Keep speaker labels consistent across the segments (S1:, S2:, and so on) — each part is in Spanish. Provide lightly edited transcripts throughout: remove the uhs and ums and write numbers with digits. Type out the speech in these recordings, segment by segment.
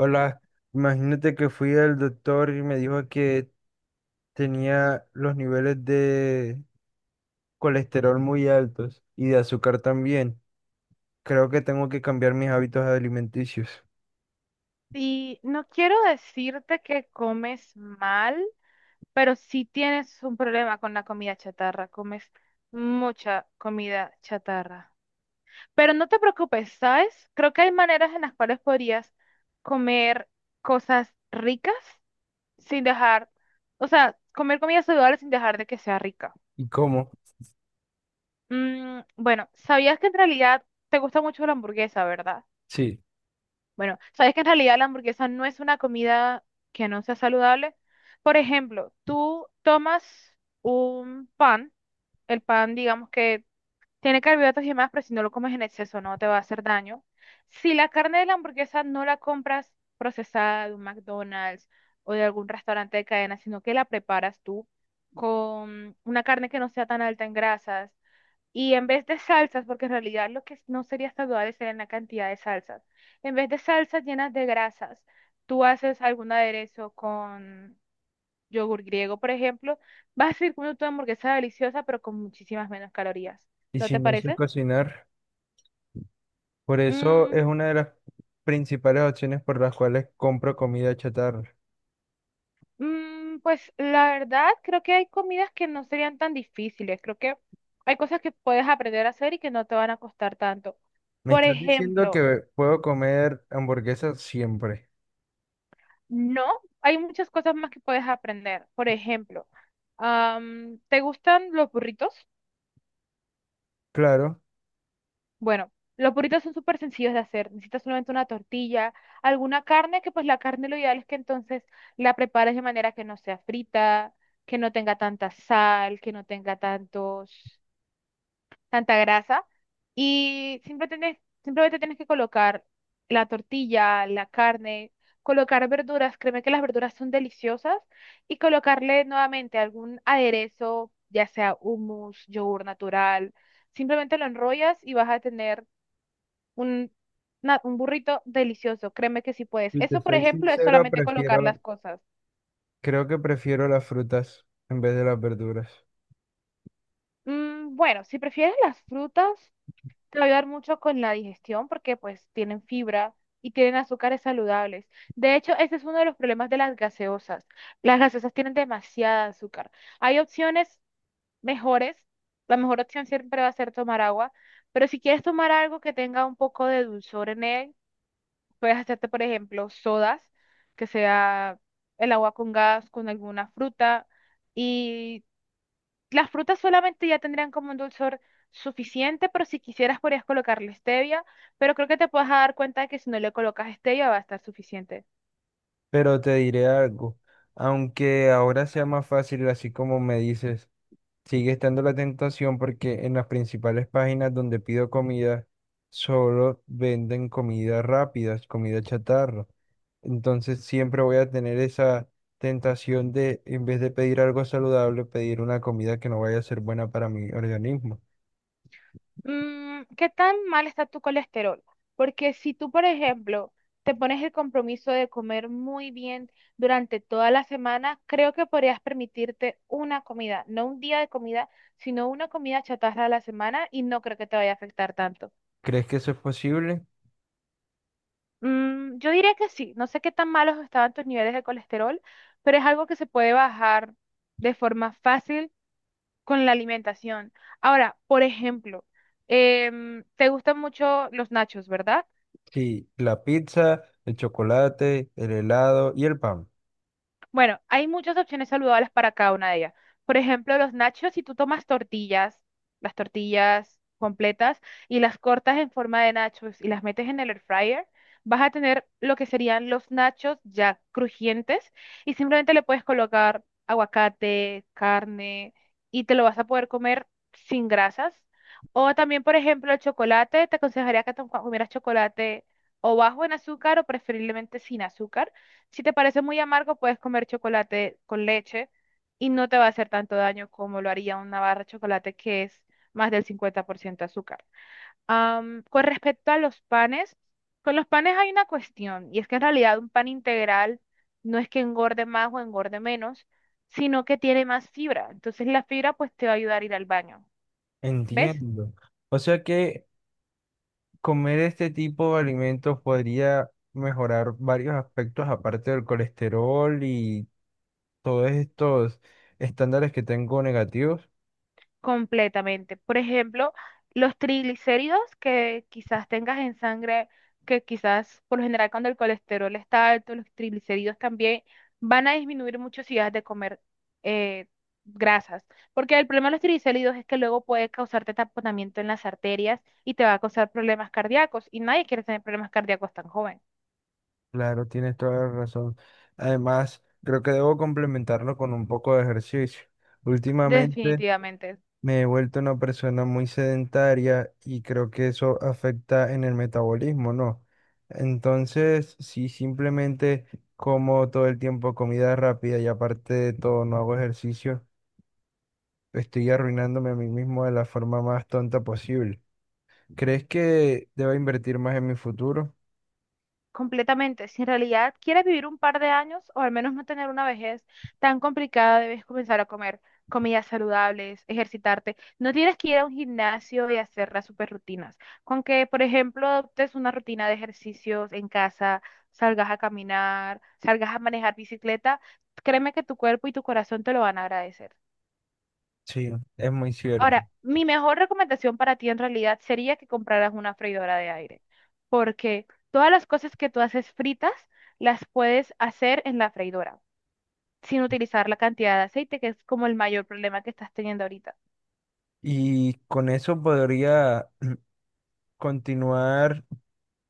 S1: Hola, imagínate que fui al doctor y me dijo que tenía los niveles de colesterol muy altos y de azúcar también. Creo que tengo que cambiar mis hábitos alimenticios.
S2: Y no quiero decirte que comes mal, pero sí tienes un problema con la comida chatarra, comes mucha comida chatarra. Pero no te preocupes, ¿sabes? Creo que hay maneras en las cuales podrías comer cosas ricas sin dejar, o sea, comer comida saludable sin dejar de que sea rica.
S1: ¿Y cómo?
S2: Mm, bueno, sabías que en realidad te gusta mucho la hamburguesa, ¿verdad?
S1: Sí.
S2: Bueno, sabes que en realidad la hamburguesa no es una comida que no sea saludable. Por ejemplo, tú tomas un pan, el pan digamos que tiene carbohidratos y demás, pero si no lo comes en exceso no te va a hacer daño. Si la carne de la hamburguesa no la compras procesada de un McDonald's o de algún restaurante de cadena, sino que la preparas tú con una carne que no sea tan alta en grasas, y en vez de salsas, porque en realidad lo que no sería saludable sería la cantidad de salsas. En vez de salsas llenas de grasas, tú haces algún aderezo con yogur griego, por ejemplo, vas a seguir comiendo tu hamburguesa deliciosa, pero con muchísimas menos calorías.
S1: Y
S2: ¿No
S1: si
S2: te
S1: no sé
S2: parece?
S1: cocinar, por eso es
S2: Mm,
S1: una de las principales opciones por las cuales compro comida chatarra.
S2: pues la verdad, creo que hay comidas que no serían tan difíciles. Creo que hay cosas que puedes aprender a hacer y que no te van a costar tanto.
S1: ¿Me
S2: Por
S1: estás diciendo
S2: ejemplo,
S1: que puedo comer hamburguesas siempre?
S2: no, hay muchas cosas más que puedes aprender. Por ejemplo, ¿te gustan los burritos?
S1: Claro.
S2: Bueno, los burritos son súper sencillos de hacer. Necesitas solamente una tortilla, alguna carne, que pues la carne lo ideal es que entonces la prepares de manera que no sea frita, que no tenga tanta sal, que no tenga tanta grasa y siempre simplemente tienes que colocar la tortilla, la carne, colocar verduras, créeme que las verduras son deliciosas y colocarle nuevamente algún aderezo, ya sea hummus, yogur natural, simplemente lo enrollas y vas a tener un, un burrito delicioso, créeme que sí puedes.
S1: Si te
S2: Eso, por
S1: soy
S2: ejemplo, es
S1: sincero,
S2: solamente colocar
S1: prefiero
S2: las cosas.
S1: Creo que prefiero las frutas en vez de las verduras.
S2: Mm, bueno, si prefieres las frutas, te va a ayudar mucho con la digestión porque pues tienen fibra y tienen azúcares saludables. De hecho, ese es uno de los problemas de las gaseosas. Las gaseosas tienen demasiada azúcar. Hay opciones mejores. La mejor opción siempre va a ser tomar agua, pero si quieres tomar algo que tenga un poco de dulzor en él, puedes hacerte, por ejemplo, sodas, que sea el agua con gas, con alguna fruta. Y las frutas solamente ya tendrían como un dulzor suficiente, pero si quisieras podrías colocarle stevia, pero creo que te puedes dar cuenta de que si no le colocas stevia va a estar suficiente.
S1: Pero te diré algo, aunque ahora sea más fácil, así como me dices, sigue estando la tentación porque en las principales páginas donde pido comida solo venden comida rápida, comida chatarra. Entonces siempre voy a tener esa tentación de, en vez de pedir algo saludable, pedir una comida que no vaya a ser buena para mi organismo.
S2: Mm, ¿qué tan mal está tu colesterol? Porque si tú, por ejemplo, te pones el compromiso de comer muy bien durante toda la semana, creo que podrías permitirte una comida, no un día de comida, sino una comida chatarra a la semana y no creo que te vaya a afectar tanto.
S1: ¿Crees que eso es posible?
S2: Mm, yo diría que sí. No sé qué tan malos estaban tus niveles de colesterol, pero es algo que se puede bajar de forma fácil con la alimentación. Ahora, por ejemplo, te gustan mucho los nachos, ¿verdad?
S1: Sí, la pizza, el chocolate, el helado y el pan.
S2: Bueno, hay muchas opciones saludables para cada una de ellas. Por ejemplo, los nachos, si tú tomas tortillas, las tortillas completas y las cortas en forma de nachos y las metes en el air fryer, vas a tener lo que serían los nachos ya crujientes y simplemente le puedes colocar aguacate, carne y te lo vas a poder comer sin grasas. O también, por ejemplo, el chocolate, te aconsejaría que te comieras chocolate o bajo en azúcar o preferiblemente sin azúcar si te parece muy amargo, puedes comer chocolate con leche y no te va a hacer tanto daño como lo haría una barra de chocolate que es más del 50% azúcar. Con respecto a los panes, con los panes hay una cuestión y es que en realidad un pan integral no es que engorde más o engorde menos, sino que tiene más fibra. Entonces la fibra pues te va a ayudar a ir al baño. ¿Ves?
S1: Entiendo. O sea que comer este tipo de alimentos podría mejorar varios aspectos aparte del colesterol y todos estos estándares que tengo negativos.
S2: Completamente. Por ejemplo, los triglicéridos que quizás tengas en sangre, que quizás por lo general cuando el colesterol está alto, los triglicéridos también van a disminuir mucho si dejas de comer eh, grasas. Porque el problema de los triglicéridos es que luego puede causarte taponamiento en las arterias y te va a causar problemas cardíacos y nadie quiere tener problemas cardíacos tan joven.
S1: Claro, tienes toda la razón. Además, creo que debo complementarlo con un poco de ejercicio. Últimamente
S2: Definitivamente.
S1: me he vuelto una persona muy sedentaria y creo que eso afecta en el metabolismo, ¿no? Entonces, si simplemente como todo el tiempo comida rápida y aparte de todo no hago ejercicio, estoy arruinándome a mí mismo de la forma más tonta posible. ¿Crees que debo invertir más en mi futuro?
S2: Completamente. Si en realidad quieres vivir un par de años o al menos no tener una vejez tan complicada, debes comenzar a comer comidas saludables, ejercitarte. No tienes que ir a un gimnasio y hacer las super rutinas. Con que, por ejemplo, adoptes una rutina de ejercicios en casa, salgas a caminar, salgas a manejar bicicleta, créeme que tu cuerpo y tu corazón te lo van a agradecer.
S1: Sí, es muy cierto.
S2: Ahora, mi mejor recomendación para ti en realidad sería que compraras una freidora de aire, porque todas las cosas que tú haces fritas las puedes hacer en la freidora, sin utilizar la cantidad de aceite, que es como el mayor problema que estás teniendo ahorita.
S1: Y con eso podría continuar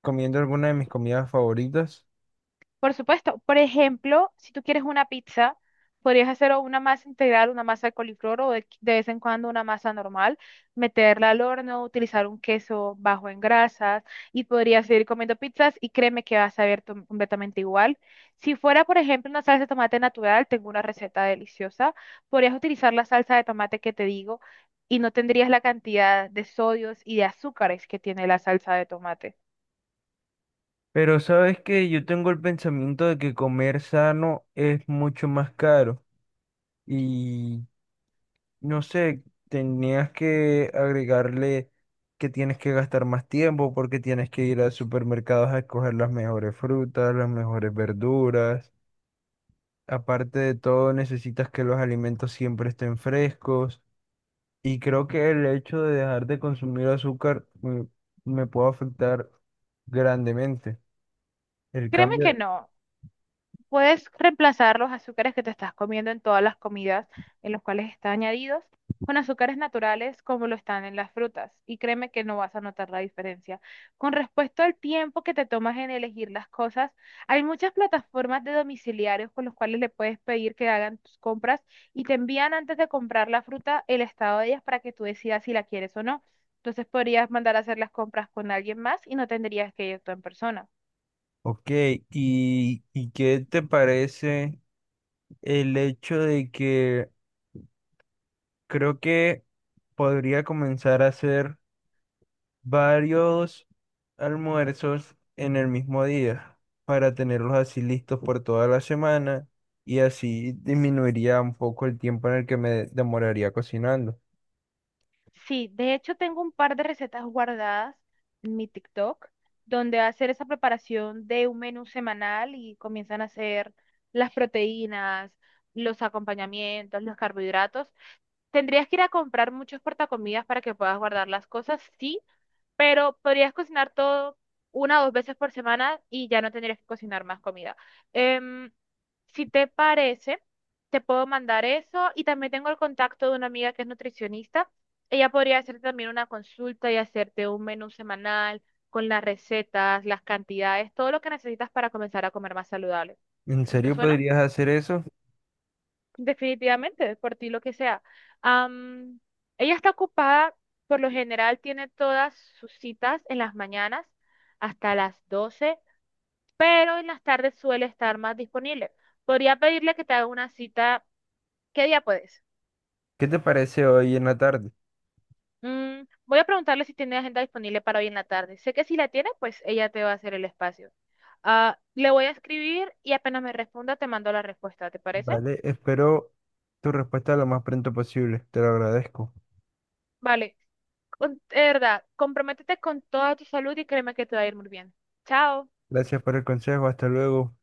S1: comiendo alguna de mis comidas favoritas.
S2: Por supuesto, por ejemplo, si tú quieres una pizza, podrías hacer o una masa integral, una masa de coliflor o de vez en cuando una masa normal, meterla al horno, utilizar un queso bajo en grasas y podrías seguir comiendo pizzas y créeme que vas a ver completamente igual. Si fuera, por ejemplo, una salsa de tomate natural, tengo una receta deliciosa, podrías utilizar la salsa de tomate que te digo y no tendrías la cantidad de sodios y de azúcares que tiene la salsa de tomate.
S1: Pero sabes que yo tengo el pensamiento de que comer sano es mucho más caro y no sé, tenías que agregarle que tienes que gastar más tiempo porque tienes que ir a supermercados a escoger las mejores frutas, las mejores verduras. Aparte de todo, necesitas que los alimentos siempre estén frescos y creo que el hecho de dejar de consumir azúcar me, puede afectar grandemente. El
S2: Créeme que
S1: cambio
S2: no. Puedes reemplazar los azúcares que te estás comiendo en todas las comidas en los cuales están añadidos con azúcares naturales como lo están en las frutas y créeme que no vas a notar la diferencia. Con respecto al tiempo que te tomas en elegir las cosas, hay muchas plataformas de domiciliarios con los cuales le puedes pedir que hagan tus compras y te envían antes de comprar la fruta el estado de ellas para que tú decidas si la quieres o no. Entonces podrías mandar a hacer las compras con alguien más y no tendrías que ir tú en persona.
S1: Ok, ¿y qué te parece el hecho de que creo que podría comenzar a hacer varios almuerzos en el mismo día para tenerlos así listos por toda la semana y así disminuiría un poco el tiempo en el que me demoraría cocinando?
S2: Sí, de hecho tengo un par de recetas guardadas en mi TikTok, donde hacer esa preparación de un menú semanal y comienzan a hacer las proteínas, los acompañamientos, los carbohidratos. ¿Tendrías que ir a comprar muchos portacomidas para que puedas guardar las cosas? Sí, pero podrías cocinar todo una o dos veces por semana y ya no tendrías que cocinar más comida. Em, si te parece, te puedo mandar eso y también tengo el contacto de una amiga que es nutricionista. Ella podría hacerte también una consulta y hacerte un menú semanal con las recetas, las cantidades, todo lo que necesitas para comenzar a comer más saludable.
S1: ¿En
S2: ¿No te
S1: serio
S2: suena?
S1: podrías hacer eso?
S2: Definitivamente, por ti lo que sea. Am, ella está ocupada, por lo general tiene todas sus citas en las mañanas hasta las 12, pero en las tardes suele estar más disponible. Podría pedirle que te haga una cita. ¿Qué día puedes?
S1: ¿Qué te parece hoy en la tarde?
S2: Mm, voy a preguntarle si tiene agenda disponible para hoy en la tarde. Sé que si la tiene, pues ella te va a hacer el espacio. Ah, le voy a escribir y apenas me responda, te mando la respuesta, ¿te parece?
S1: Vale, espero tu respuesta lo más pronto posible, te lo agradezco.
S2: Vale, de verdad, comprométete con toda tu salud y créeme que te va a ir muy bien. Chao.
S1: Gracias por el consejo. Hasta luego.